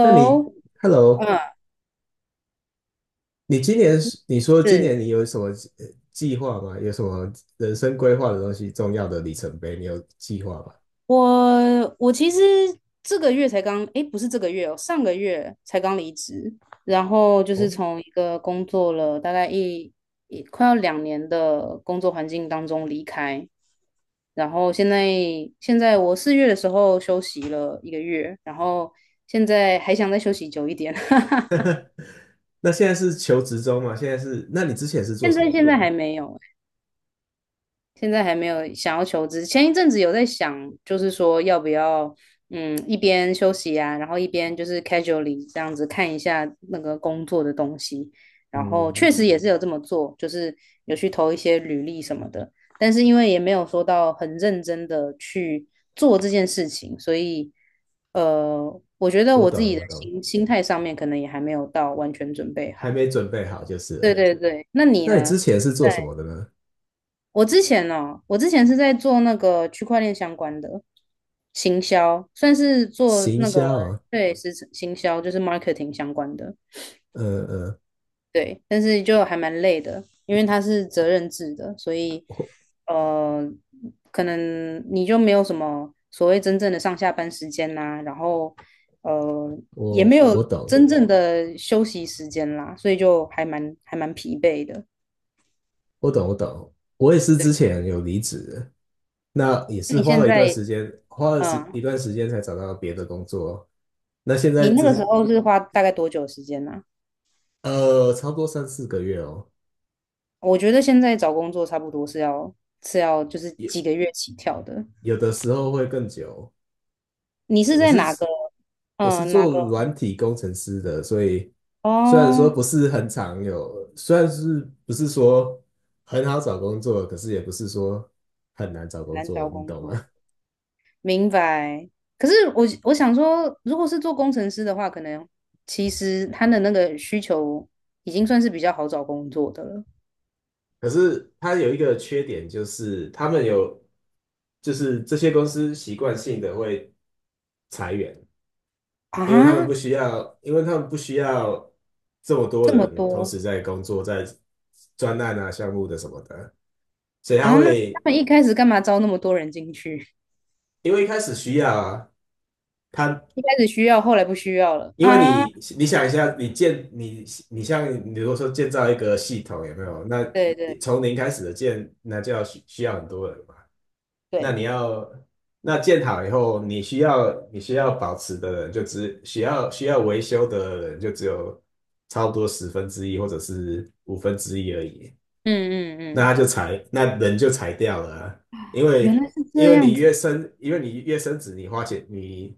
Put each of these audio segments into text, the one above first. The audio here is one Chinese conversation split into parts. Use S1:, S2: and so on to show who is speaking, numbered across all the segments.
S1: 那你 ，Hello，
S2: 嗯，
S1: 你说今年
S2: 是，
S1: 你有什么计划吗？有什么人生规划的东西，重要的里程碑，你有计划吗？
S2: 我其实这个月才刚，诶，不是这个月哦，上个月才刚离职，然后就是
S1: 哦，
S2: 从一个工作了大概一快要2年的工作环境当中离开，然后现在我4月的时候休息了1个月，然后现在还想再休息久一点，
S1: 那现在是求职中嘛？现在是，那你之前是做
S2: 现
S1: 什
S2: 在
S1: 么的
S2: 现在还
S1: 呢？
S2: 没有，现在还没有想要求职，前一阵子有在想，就是说要不要，嗯，一边休息啊，然后一边就是 casually 这样子看一下那个工作的东西，然后
S1: 嗯，
S2: 确实也是有这么做，就是有去投一些履历什么的，但是因为也没有说到很认真的去做这件事情，所以，我觉得
S1: 我
S2: 我自己
S1: 懂，
S2: 的
S1: 我懂，
S2: 心态上面可能也还没有到完全准备
S1: 还
S2: 好。
S1: 没准备好就是了。
S2: 对对对，那你
S1: 那你之
S2: 呢？
S1: 前是做什么的呢？
S2: 我之前是在做那个区块链相关的行销，算是做
S1: 行
S2: 那个，
S1: 销啊，
S2: 对，是行销，就是 marketing 相关的，
S1: 嗯嗯，
S2: 对，但是就还蛮累的，因为它是责任制的，所以
S1: 我
S2: 呃，可能你就没有什么所谓真正的上下班时间啦，然后呃也没
S1: 我
S2: 有
S1: 我懂，
S2: 真正的休息时间啦，所以就还蛮疲惫的。
S1: 我懂，我懂，我也是之
S2: 对，
S1: 前有离职，那也
S2: 那
S1: 是
S2: 你
S1: 花
S2: 现
S1: 了一段
S2: 在
S1: 时间，花了时一
S2: 嗯？
S1: 段时间才找到别的工作哦。那现
S2: 你
S1: 在
S2: 那
S1: 只
S2: 个时
S1: 是
S2: 候是花大概多久时间呢、啊
S1: 呃，差不多三四个月哦，
S2: 我觉得现在找工作差不多是要就是
S1: 有
S2: 几个月起跳的。
S1: 有的时候会更久。
S2: 你是
S1: 我
S2: 在哪
S1: 是
S2: 个？
S1: 我是
S2: 哪
S1: 做
S2: 个？
S1: 软体工程师的，所以虽然说
S2: 哦，
S1: 不是很常有，虽然是不是说很好找工作，可是也不是说很难找工
S2: 难
S1: 作，
S2: 找
S1: 你
S2: 工
S1: 懂
S2: 作，
S1: 吗？
S2: 明白。可是我想说，如果是做工程师的话，可能其实他的那个需求已经算是比较好找工作的了
S1: 可是它有一个缺点，就是他们有，就是这些公司习惯性的会裁员。
S2: 啊，
S1: 因为他们不需要这么多
S2: 这么
S1: 人同
S2: 多，
S1: 时在工作，在专案啊、项目的什么的，所以他
S2: 他
S1: 会，
S2: 们一开始干嘛招那么多人进去？
S1: 因为一开始需要啊，他
S2: 一开始需要，后来不需要了
S1: 因为
S2: 啊？
S1: 你想一下，你像你如果说建造一个系统有没有？那
S2: 对对
S1: 从零开始的建，那就要需要很多人嘛。那你
S2: 对，
S1: 要那建好以后，你需要保持的人就只需要维修的人就只有差不多十分之一或者是五分之一而已。
S2: 嗯嗯
S1: 那他就
S2: 嗯。
S1: 裁，那人就裁掉了啊。因
S2: 原
S1: 为
S2: 来是
S1: 因
S2: 这
S1: 为
S2: 样
S1: 你越
S2: 子，
S1: 升，因为你越升子，你花钱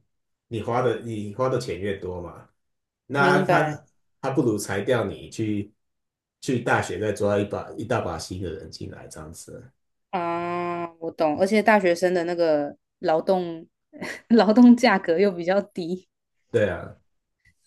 S1: 你花的钱越多嘛。那
S2: 明
S1: 他
S2: 白
S1: 他他不如裁掉你去大学再抓一大把新的人进来这样子，
S2: 啊，我懂。而且大学生的那个劳动 劳动价格又比较低，
S1: 对啊，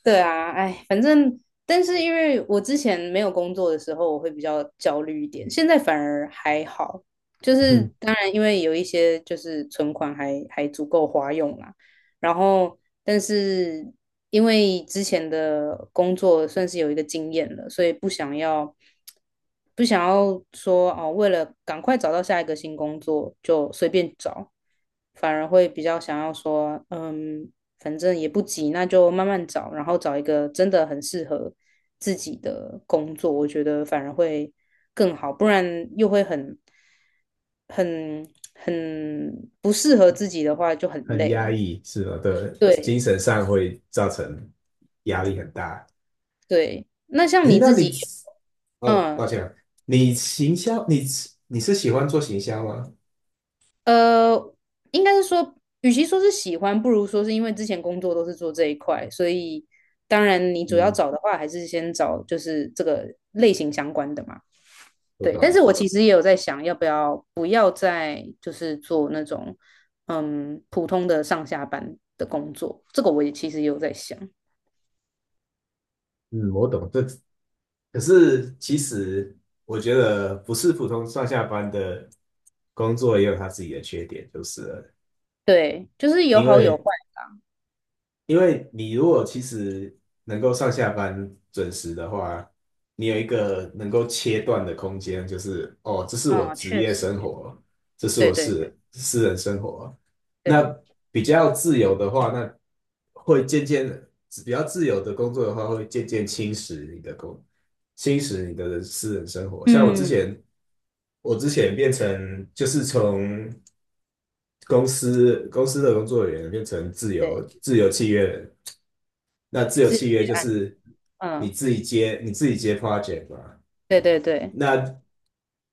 S2: 对啊，哎，反正，但是因为我之前没有工作的时候，我会比较焦虑一点，现在反而还好。就是
S1: 嗯
S2: 当然，因为有一些就是存款还足够花用啦，然后但是因为之前的工作算是有一个经验了，所以不想要说哦，为了赶快找到下一个新工作就随便找，反而会比较想要说，嗯，反正也不急，那就慢慢找，然后找一个真的很适合自己的工作，我觉得反而会更好，不然又会很很不适合自己的话就很
S1: 很
S2: 累
S1: 压
S2: 啊。
S1: 抑是吧？对，精
S2: 对
S1: 神上会造成压力很大。
S2: 对，那像
S1: 诶，
S2: 你自己，
S1: 哦，
S2: 嗯
S1: 抱歉啊，你行销，你你是喜欢做行销吗？
S2: 呃，应该是说，与其说是喜欢，不如说是因为之前工作都是做这一块，所以当然你主要
S1: 嗯，
S2: 找的话，还是先找就是这个类型相关的嘛。
S1: 我
S2: 对，但
S1: 懂。
S2: 是我其实也有在想，要不要不要再就是做那种普通的上下班的工作，这个我也其实也有在想。
S1: 嗯，我懂这，可是其实我觉得不是普通上下班的工作也有它自己的缺点，就是了。
S2: 对，就是有
S1: 因
S2: 好有坏
S1: 为。因为你如果其实能够上下班准时的话，你有一个能够切断的空间，就是哦，这是我
S2: 啊，
S1: 职
S2: 确
S1: 业
S2: 实，
S1: 生活，这是
S2: 对
S1: 我
S2: 对对
S1: 私人生活。那
S2: 对，
S1: 比较自由的话，那会渐渐比较自由的工作的话，会渐渐侵蚀你的私人生活。像我之
S2: 嗯，
S1: 前，我之前变成就是从公司的工作人员变成
S2: 对，
S1: 自由契约人。那自由
S2: 自己
S1: 契约就
S2: 按的，
S1: 是
S2: 嗯，
S1: 你自己接 project 嘛，
S2: 对对对，
S1: 那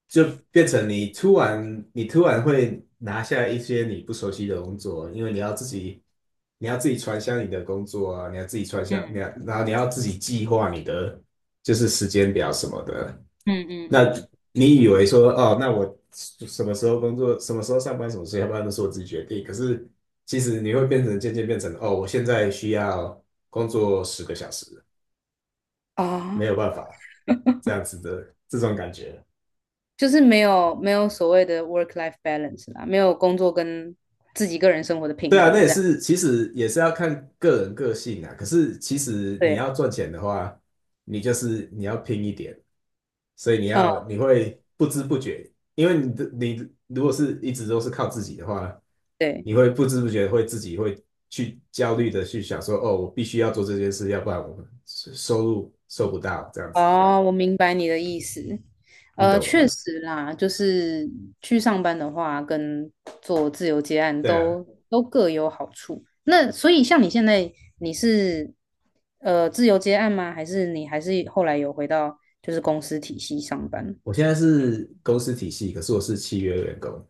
S1: 就变成你突然会拿下一些你不熟悉的工作，因为你要自己。你要自己传销你的工作啊，你要自己传销，你
S2: 嗯
S1: 要，然后你要自己计划你的就是时间表什么的。
S2: 嗯
S1: 那
S2: 嗯
S1: 你以为说哦，那我什么时候工作，什么时候上班，什么时候下班都是我自己决定。可是其实你会变成渐渐变成哦，我现在需要工作10个小时，
S2: 嗯，
S1: 没有办
S2: 啊，
S1: 法这样子的这种感觉。
S2: 就是没有所谓的 work life balance 啦，没有工作跟自己个人生活的
S1: 对
S2: 平
S1: 啊，
S2: 衡
S1: 那也
S2: 这样，
S1: 是其实也是要看个人个性啊。可是其实你
S2: 对
S1: 要
S2: 啦，
S1: 赚钱的话，你就是你要拼一点，所以你
S2: 嗯，
S1: 要你会不知不觉，因为你的你如果是一直都是靠自己的话。
S2: 对。
S1: 你会不知不觉会自己会去焦虑的去想说，哦，我必须要做这件事，要不然我们收入收不到这样子，
S2: 哦，我明白你的意思。
S1: 你懂
S2: 确
S1: 吗？
S2: 实啦，就是去上班的话，跟做自由接案
S1: 对啊，
S2: 都各有好处。那所以像你现在，你是自由接案吗？还是你还是后来有回到就是公司体系上班？
S1: 我现在是公司体系，可是我是契约员工，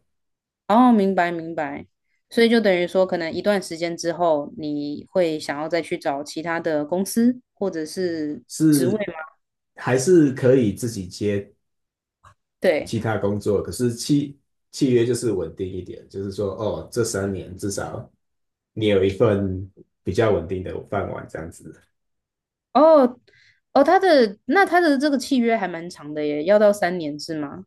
S2: 哦，明白明白。所以就等于说，可能一段时间之后，你会想要再去找其他的公司或者是职位
S1: 是，
S2: 吗？
S1: 还是可以自己接其
S2: 对。
S1: 他工作，可是契约就是稳定一点，就是说，哦，这3年至少你有一份比较稳定的饭碗这样子。
S2: 哦哦，他的他的这个契约还蛮长的耶，要到三年是吗？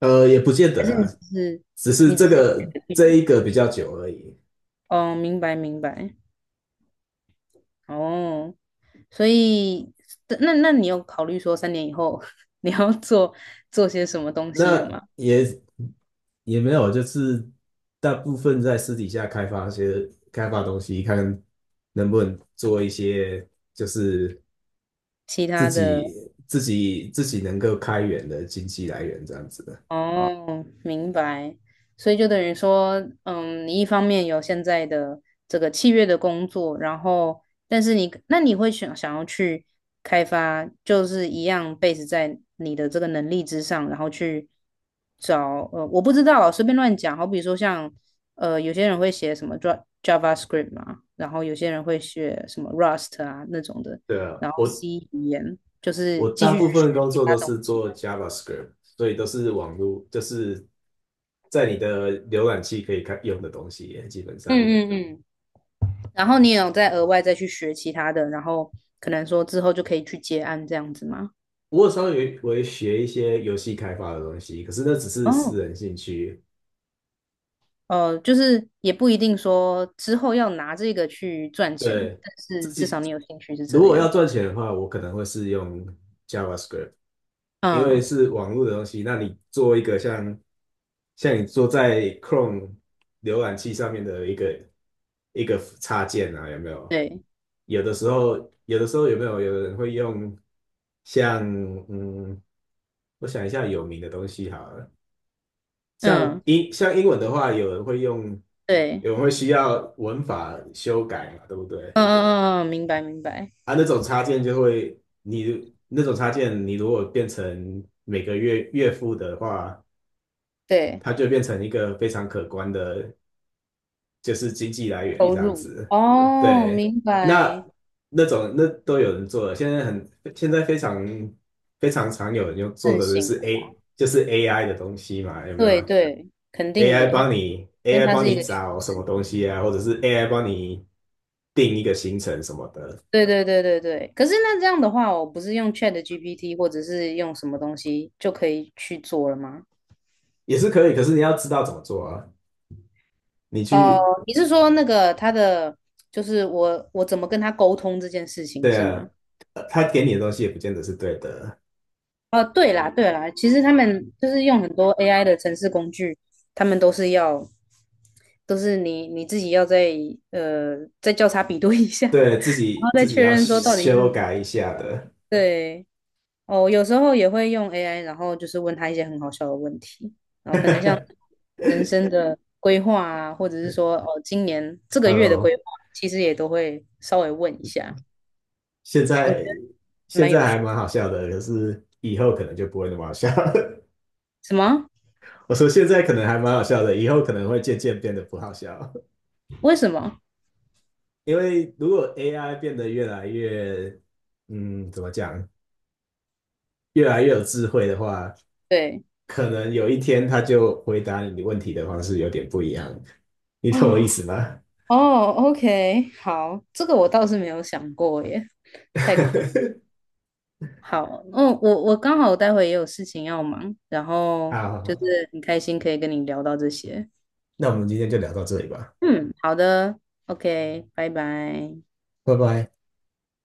S1: 呃，也不见
S2: 还
S1: 得
S2: 是
S1: 啊，
S2: 你只是
S1: 只是
S2: 觉得
S1: 这
S2: 嗯，
S1: 一个比较久而已。
S2: 哦，明白明白哦，所以那你有考虑说3年以后 你要做些什么东西了
S1: 那
S2: 吗？
S1: 也没有，就是大部分在私底下开发东西，看能不能做一些就是
S2: 其
S1: 自
S2: 他的？
S1: 己自己能够开源的经济来源这样子的。
S2: 啊哦，明白。所以就等于说，嗯，你一方面有现在的这个契约的工作，然后，但是你，那你会想要去开发，就是一样 base 在你的这个能力之上，然后去找，我不知道啊，随便乱讲。好比说像，有些人会写什么 Java JavaScript 嘛，然后有些人会写什么 Rust 啊那种的，
S1: 对啊，
S2: 然后 C 语言，就是
S1: 我
S2: 继
S1: 大
S2: 续去
S1: 部
S2: 学
S1: 分工
S2: 其
S1: 作
S2: 他
S1: 都
S2: 东
S1: 是
S2: 西。
S1: 做 JavaScript，所以都是网络，就是在你的浏览器可以看用的东西耶基本上。
S2: 嗯嗯嗯。然后你也有再额外再去学其他的，然后可能说之后就可以去接案这样子吗？
S1: 我有微学一些游戏开发的东西，可是那只是私
S2: 哦，
S1: 人兴趣。
S2: 就是也不一定说之后要拿这个去赚钱，
S1: 对，
S2: 但
S1: 自
S2: 是至少
S1: 己
S2: 你有兴趣是
S1: 如
S2: 这
S1: 果
S2: 样。
S1: 要赚钱的话，我可能会是用 JavaScript，因为
S2: 嗯，
S1: 是网络的东西。那你做一个像你做在 Chrome 浏览器上面的一个插件啊，有没有？
S2: 对，
S1: 有的时候，有的时候有没有有人会用像，嗯，我想一下有名的东西好了，
S2: 嗯，
S1: 像英文的话，有人会用，
S2: 对，
S1: 有人会需要文法修改嘛，对不对？
S2: 嗯嗯嗯，嗯明白明白，
S1: 啊，那种插件就会，你那种插件，你如果变成每个月月付的话，
S2: 对，
S1: 它就变成一个非常可观的，就是经济来源
S2: 投
S1: 这样
S2: 入。
S1: 子。
S2: 哦，
S1: 对，
S2: 明
S1: 那
S2: 白，
S1: 那都有人做了，现在非常常有人用做
S2: 盛
S1: 的就
S2: 行，
S1: 是 AI 的东西嘛，有没
S2: 对
S1: 有？
S2: 对，肯定的，因为
S1: AI
S2: 它
S1: 帮
S2: 是一
S1: 你
S2: 个趋
S1: 找什么
S2: 势。
S1: 东西啊，或者是 AI 帮你定一个行程什么的，
S2: 对对对对对，可是那这样的话，我不是用 Chat GPT 或者是用什么东西就可以去做了吗？
S1: 也是可以，可是你要知道怎么做啊。你
S2: 哦，
S1: 去
S2: 你是说那个他的，就是我怎么跟他沟通这件事情
S1: 对
S2: 是
S1: 啊，
S2: 吗？
S1: 他给你的东西也不见得是对的，
S2: 哦，对啦对啦，其实他们就是用很多 AI 的程式工具，他们都是要，都是你自己要再呃再交叉比对一下，然
S1: 对，
S2: 后再
S1: 自己
S2: 确
S1: 要
S2: 认说到底
S1: 修
S2: 是
S1: 改一下的。
S2: 对。哦，有时候也会用 AI，然后就是问他一些很好笑的问题，然后可能像人生的规划啊，或者是说哦，今年这个月的规
S1: 呃，
S2: 划，其实也都会稍微问一下，
S1: 现
S2: 我觉
S1: 在
S2: 得
S1: 现
S2: 蛮有
S1: 在还
S2: 趣。
S1: 蛮好笑的，可是以后可能就不会那么好笑了。
S2: 什么？
S1: 我说现在可能还蛮好笑的，以后可能会渐渐变得不好笑，
S2: 为什么？
S1: 因为如果 AI 变得越来越，怎么讲，越来越有智慧的话，
S2: 对
S1: 可能有一天它就回答你问题的方式有点不一样，你懂我意
S2: 啊，
S1: 思吗？
S2: 哦，OK，好，这个我倒是没有想过耶，太酷。好，嗯，我我刚好待会也有事情要忙，然后
S1: 好好
S2: 就
S1: 好。
S2: 是很开心可以跟你聊到这些。
S1: 那我们今天就聊到这里吧，
S2: 嗯，好的，OK，拜拜。
S1: 拜拜。